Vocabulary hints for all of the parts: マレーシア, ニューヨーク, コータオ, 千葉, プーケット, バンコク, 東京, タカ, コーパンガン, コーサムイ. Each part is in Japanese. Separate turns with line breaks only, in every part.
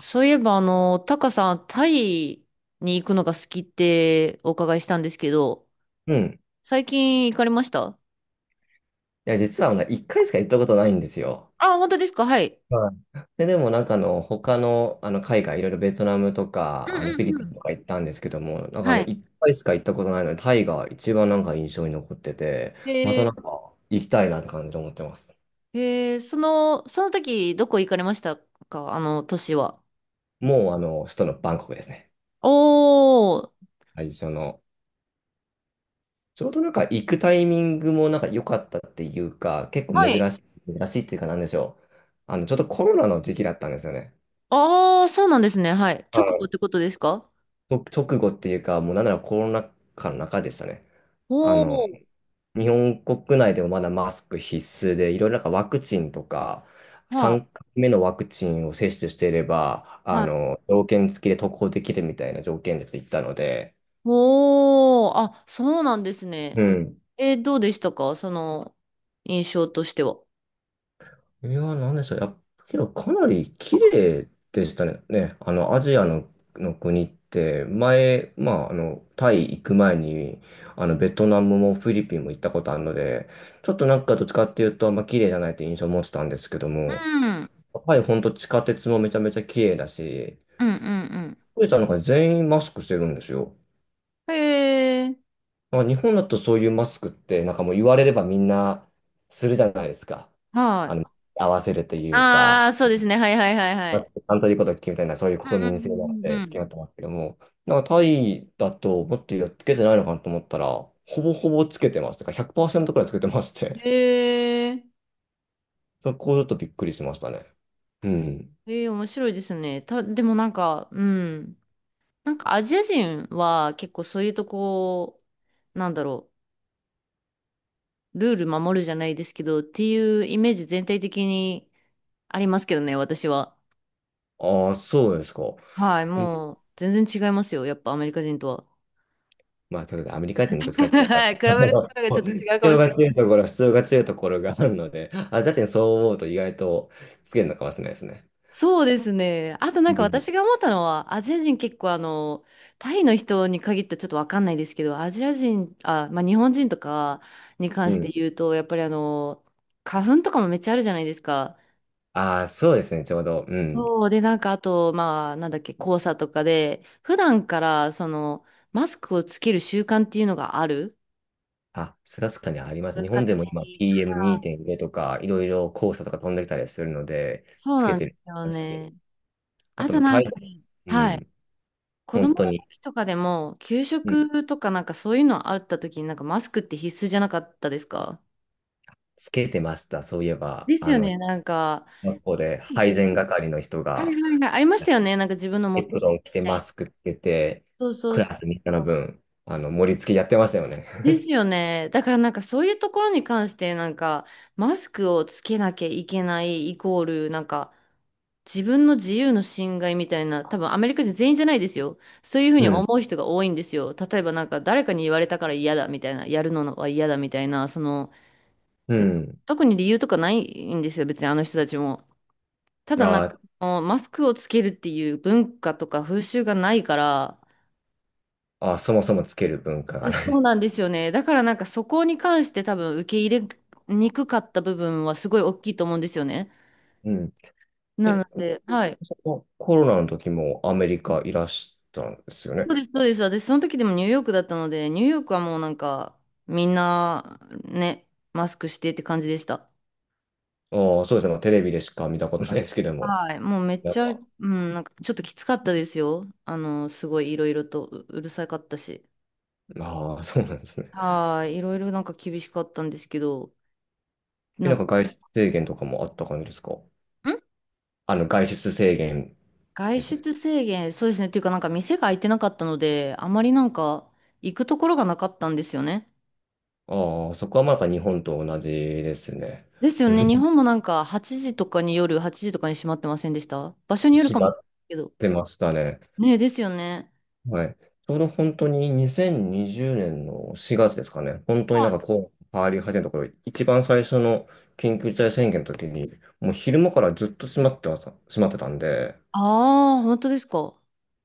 そういえば、タカさん、タイに行くのが好きってお伺いしたんですけど、
うん。い
最近行かれました？
や、実は一回しか行ったことないんですよ。
あ、本当ですか？はい。
はい。で、でもなんか他の、海外、いろいろベトナムと
うん
か
う
フィリ
んう
ピ
ん。
ンとか行ったんですけども、なんか
はい。
一回しか行ったことないので、タイが一番なんか印象に残ってて、ま
え
た
ー、
なんか行きたいなって感じで思ってます。
その時、どこ行かれましたか？年は。
もう首都のバンコクですね。
おー。
最初の。ちょうどなんか行くタイミングもなんか良かったっていうか、結構
はい。
珍しいっていうかなんでしょう。ちょっとコロナの時期だったんですよね。
ああ、そうなんですね。はい。直後ってことですか？
と、直後っていうか、もうなんならコロナ禍の中でしたね。あの、
おー。
日本国内でもまだマスク必須で、いろいろなんかワクチンとか、
は
3回目のワクチンを接種していれば、
い。はい。
条件付きで渡航できるみたいな条件でと言ったので、
おー。あ、そうなんですね。
うん。
どうでしたか？その、印象としては。
いやー、なんでしょう。やっぱけど、かなり綺麗でしたね。ね、アジアの、国って、前、まあ、タイ行く前に、ベトナムもフィリピンも行ったことあるので、ちょっとなんかどっちかっていうと、あんま綺麗じゃないって印象を持ってたんですけども、
うん。
やっぱり本当地下鉄もめちゃめちゃ綺麗だし、
うんうん
富士山なんか全員マスクしてるんですよ。
うん。へえ、
まあ、日本だとそういうマスクって、なんかもう言われればみんなするじゃないですか。
は
あ
い。
の、合わせるというか。
ああ、そうですね。はいはいはいは
まあ
い。
担当でいうことを決みたいな、そういう
うん
国
うん
民
う
性なの
んう
で、
んう
好きに
ん。
なってますけども、なんかタイだと、もっとやっつけてないのかなと思ったら、ほぼほぼつけてます。だから100%くパーセントくらいつけてまして、
へえ、
そこちょっとびっくりしましたね。うん。
へえ、面白いですね。でもなんか、うん。なんかアジア人は結構そういうとこ、なんだろう、ルール守るじゃないですけど、っていうイメージ全体的にありますけどね、私は。
ああ、そうですか。
はい、
うん、
もう全然違いますよ。やっぱアメリカ人とは。
まあ、ちょっとアメリカ人と使って なんか、
はい、比べるところがちょっ と
必
違うかも
要
しれ
が
ない。
強いところ、必要が強いところがあるので、あ、ジャッジにそう思うと意外とつけるのかもしれないですね。
そうですね。あとな
う
んか
ん。
私が思ったのは、アジア人結構タイの人に限ってちょっとわかんないですけど、アジア人、あ、まあ日本人とかに関
う
して
ん。
言うと、やっぱり花粉とかもめっちゃあるじゃないですか。
ああ、そうですね、ちょうど。うん。
そうで、なんかあと、まあなんだっけ、黄砂とかで、普段からその、マスクをつける習慣っていうのがある。
あ、それは確かにあります。
文
日
化
本で
的
も今
に。
PM2.0 とか、いろいろ黄砂とか飛んできたりするので、
そう
つけ
なんで
て
すよ
るし、
ね。
あ
あ
と
と
まあ
なん
台湾、
か、
う
はい。
ん、
子供
本
の
当に、
時とかでも、給
うん、
食とかなんかそういうのあった時になんかマスクって必須じゃなかったですか？
つけてました。そういえば、
ですよね、なんか。
学校で配
で
膳係の人
はい
が、
はいはい。ありましたよね、なんか自分の持
エ
って
プ
行って
ロン着て
みたい
マ
な。
スクつけて、
そうそ
ク
うそう。
ラスみんなの分、盛り付けやってましたよね。
です よね。だからなんかそういうところに関してなんかマスクをつけなきゃいけないイコールなんか自分の自由の侵害みたいな、多分アメリカ人全員じゃないですよ。そういうふう
う
に思
ん、
う人が多いんですよ。例えばなんか誰かに言われたから嫌だみたいな、やるのは嫌だみたいな、その
う
なんか
ん。
特に理由とかないんですよ、別にあの人たちも。た
あ
だなんか、
ー
そのマスクをつけるっていう文化とか風習がないから、
あ、ー、そもそもつける文化がな
そ
い。
うなんですよね。だからなんかそこに関して多分受け入れにくかった部分はすごい大きいと思うんですよね。
うん。
な
え、
ので、はい。
そのコロナの時もアメリカいらしたんですよね。
そうです、そうです。私その時でもニューヨークだったので、ニューヨークはもうなんかみんなね、マスクしてって感じでした。
ああ、そうですね。まあ、テレビでしか見たことないですけども。
はい、もうめっ
なん
ちゃ、う
か、
ん、なんかちょっときつかったですよ。すごいいろいろとううるさかったし。
ああ、そうなんですね。
はい、いろいろなんか厳しかったんですけど、
え、
な
な
ん
ん
か
か外出制限とかもあった感じですか？
ん
外出制限
外
ですね。
出制限、そうですね、っていうかなんか店が開いてなかったので、あまりなんか行くところがなかったんですよね。
ああ、そこはまた日本と同じですね。
ですよ
う
ね、日
ん、
本もなんか8時とかに夜、8時とかに閉まってませんでした？場所による
閉
かもし
まっ
れないけど。
てましたね。
ねえ、ですよね。
はい。ちょうど本当に2020年の4月ですかね。本当にな
は
ん
い。
かこう、変わり始めた頃、一番最初の緊急事態宣言の時に、もう昼間からずっと閉まっては閉まってたんで、
ああ、本当ですか。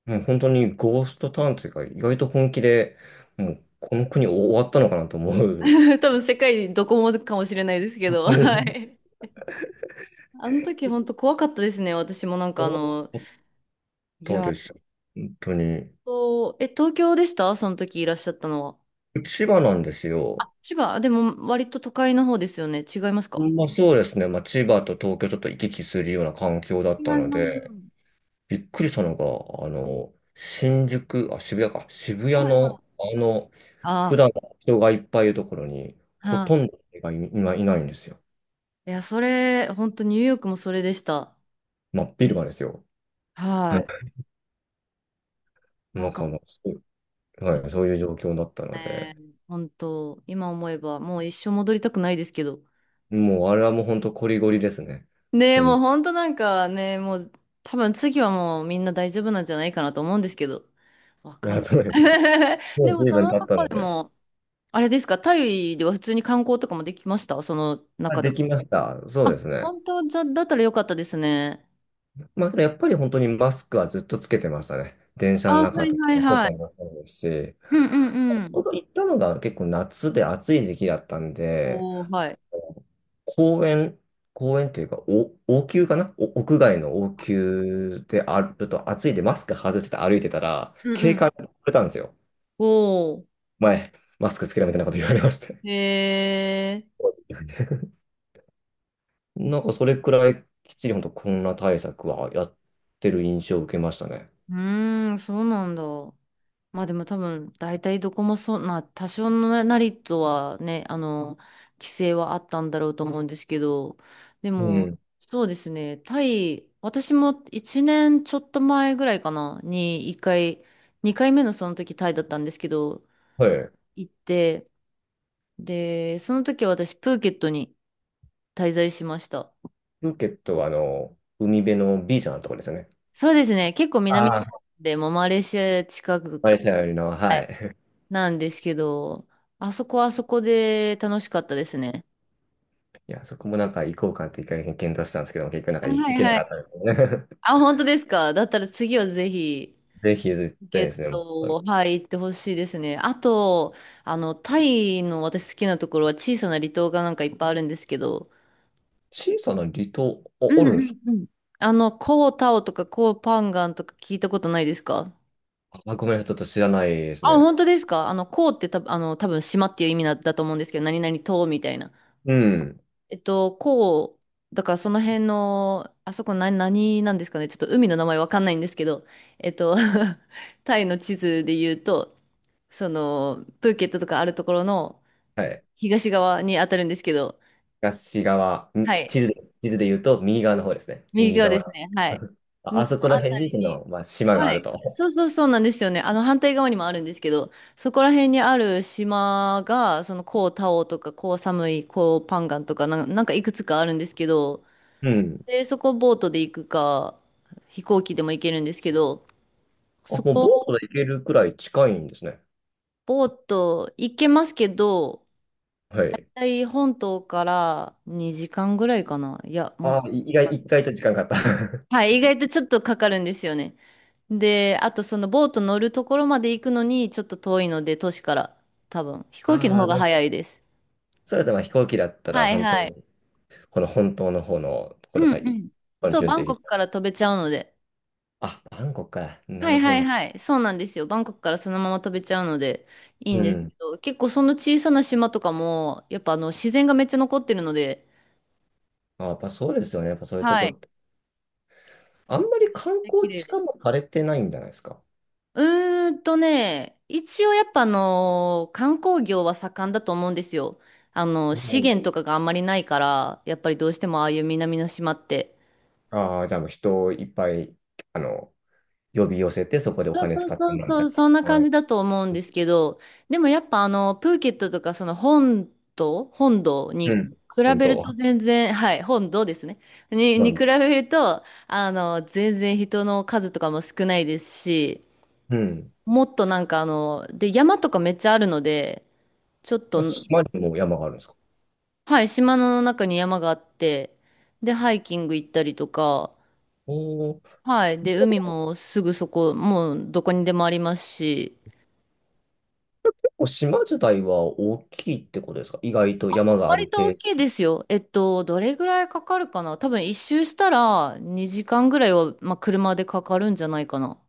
もう本当にゴーストタウンというか、意外と本気で、もうこの国終わったのかなと思う。
多分世界どこもかもしれないです け
本
ど、
当
は
に
い。あの時本当怖かったですね、私もなんか
終わっ
い
た
や、
で
えっ
す。本当に。
とえ東京でした？その時いらっしゃったのは。
千葉なんですよ。
千葉、でも割と都会の方ですよね。違いますか？
まあ、そうですね。まあ、千葉と東京ちょっと行き来するような環境だっ
違い
たの
ま
で、
す。
びっくりしたのが、新宿、あ、渋谷か、渋
は
谷
いは
の、
い。
普
あ
段は人がいっぱいいるところに、ほ
あ、
とん
は
ど人がい、今いないんですよ。
い。いや、それ、本当ニューヨークもそれでした。
真っ昼間ですよ。な
はい。
ん
なんか、
かそう、はい、そういう状況だったので、
本当、今思えば、もう一生戻りたくないですけど。
もうあれはもう本当こりごりですね。
ねえ、
うん、
もう
い
本当なんかね、もう、多分次はもうみんな大丈夫なんじゃないかなと思うんですけど。わかん
や
ない。
そうです、 も
で
う
も、
随
そ
分
の
経った
中
の
で
で。
も、あれですか、タイでは普通に観光とかもできました？その
あ、
中で
で
も。
きました。そう
あ、
ですね。
本当？じゃ、だったらよかったですね。
まあ、けどやっぱり本当にマスクはずっとつけてましたね。電車の
あ、は
中
い
とか
はい
やって
は
た
い。
のもそうですし、
うんうんうん。
ほど行ったのが結構夏で暑い時期だったんで、
おー、はい。
公園、公園というか、お、王宮かな、お屋外の王宮であると暑いんでマスク外して歩いてたら、
うん
警
うん。
官に言われたんですよ。
おー。
前、マスクつけろみたいなこと言われまして。
へー。
なんかそれくらいきっちり本当コロナ対策はやってる印象を受けましたね。
うーん、そうなんだ。まあでも多分、大体どこもそんな、多少のなりとはね、規制はあったんだろうと思うんですけど、で
う
も、
ん。
そうですね、タイ、私も1年ちょっと前ぐらいかな、に1回、2回目のその時タイだったんですけど、
はい。
行って、で、その時は私、プーケットに滞在しました。
プーケットは海辺のビーチのところですよね。
そうですね。結構南の
ああ。
方でもマレーシア近く、
マレーシアよりの、は
はい、
い。
なんですけど、あそこはあそこで楽しかったですね。
いや、そこもなんか行こうかって一回検討したんですけども、結局なんか
あ、
い
は
行
い
けな
は
かっ
い。
たので、
あ、本当ですか？だったら次はぜひ、
ぜひ絶
ゲ
対で
ッ
すね。
ト、はい、行ってほしいですね。あと、タイの私好きなところは小さな離島がなんかいっぱいあるんですけど、
小さな離島、あ、
う
あ
ん
るんで
う
す
ん
か？
うん。コータオとかコーパンガンとか聞いたことないですか？
あ、ごめんなさい、ちょっと知らないです
あ、
ね。
本当ですか？コーってた、多分島っていう意味だと思うんですけど、何々島みたいな。
うん。
こう、だからその辺の、あそこ何、何なんですかね。ちょっと海の名前わかんないんですけど、えっと、タイの地図で言うと、その、プーケットとかあるところの
はい。
東側に当たるんですけど、
東側、ん、
はい。
地図で言うと右側の方ですね。
右
右
側で
側
す
の。
ね。はい。
あ
の
あ、そこら
あ
辺
た
に
り
そ
に、
の、まあ、島があ
は
る
い。
と。
そうそうそうなんですよね。反対側にもあるんですけど、そこら辺にある島が、その、コータオとか、コーサムイ、コーパンガンとか、なんかいくつかあるんですけど、
うん。
で、そこボートで行くか、飛行機でも行けるんですけど、
あ、
そ
もうボート
こ
で行けるくらい近いんですね。
ボート行けますけど、
は
大
い。
体本島から2時間ぐらいかな。いや、もう
あ
ちょっ
あ、い意外、
と。
意外と時間かかった。
はい、意外とちょっとかかるんですよね。で、あとそのボート乗るところまで行くのにちょっと遠いので、都市から多分飛 行機の
あ
方
あ、
が
なんか
早いです。
そうですね。まあ、飛行機だったら
はい
本当
はい。
にこの本当の方のと
う
ころが
んう
い、
ん。
この
そう、
ピュン
バ
と
ン
入
コ
れ
ク
た、
から飛べちゃうので。
あ、バンコクか。な
は
る
いは
ほ
い
ど。
はい。そうなんですよ。バンコクからそのまま飛べちゃうのでいいん
う
ですけ
ん。
ど、結構その小さな島とかも、やっぱ自然がめっちゃ残ってるので、
あ、やっぱそうですよね。やっぱそういうと
は
こ
い。
って。あんまり観
綺
光
麗
地
で
化
す。
もされてないんじゃないですか。
うーんとね、一応やっぱ観光業は盛んだと思うんですよ。資源とかがあんまりないから、やっぱりどうしてもああいう南の島って。
ああー、じゃあもう人をいっぱいあの呼び寄せて、そこでお
そう
金
そう
使って
そ
も
う
らうみ
そ
たい
う、そんな
な。は
感
い。
じだと思うんですけど、でもやっぱプーケットとかその本島、本土に
う
比
ん。本
べると
当。
全然、はい、本土ですね。に、
う
に比
ん。
べると、全然人の数とかも少ないですし、
うん、
もっとなんかで、山とかめっちゃあるので、ちょっ
あ、
と、
島にも山があるんですか？
はい、島の中に山があって、で、ハイキング行ったりとか、
おお
はい、
ー。じ
で、
ゃ
海
あ
もすぐそこ、もうどこにでもありますし、
結構島自体は大きいってことですか？意外と山がある
割と大
程
きいですよ。どれぐらいかかるかな？多分一周したら2時間ぐらいは、まあ、車でかかるんじゃないかな。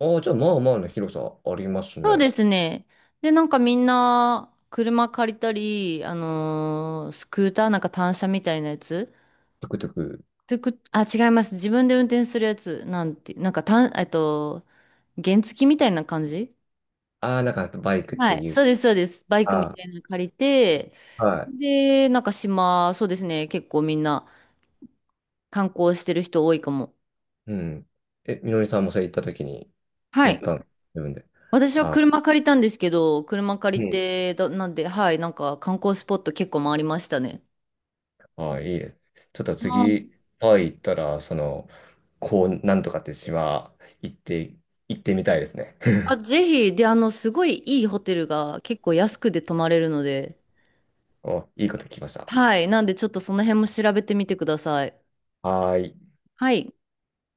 度。ああ、じゃあまあまあの広さあります
そう
ね。
ですね。で、なんかみんな車借りたり、スクーターなんか単車みたいなやつ。
トゥクトゥク、
トゥクあ、違います。自分で運転するやつ。なんて、なんか単、原付みたいな感じ、
ああ、なんかバイクっ
は
て
い。
い
そう
う、
です、そうです。バイクみ
あ
たいなの借りて、
あ、はい。
で、なんか島、そうですね。結構みんな観光してる人多いかも。
うん。え、みのりさんもそれ行った時に
は
乗っ
い。
たの、自分で。
私は
ああ、
車借りたんですけど、車借
う
り
ん。
て、だ、なんで、はい、なんか観光スポット結構回りましたね。
ああ、いいです。ちょっと
あ
次、タイ行ったら、その、こう、なんとかって島、行って、行ってみたいですね。
あ、ぜひ、で、すごいいいホテルが結構安くで泊まれるので、
お、いいこと聞きました。
はい、なんでちょっとその辺も調べてみてください。
はーい。
はい。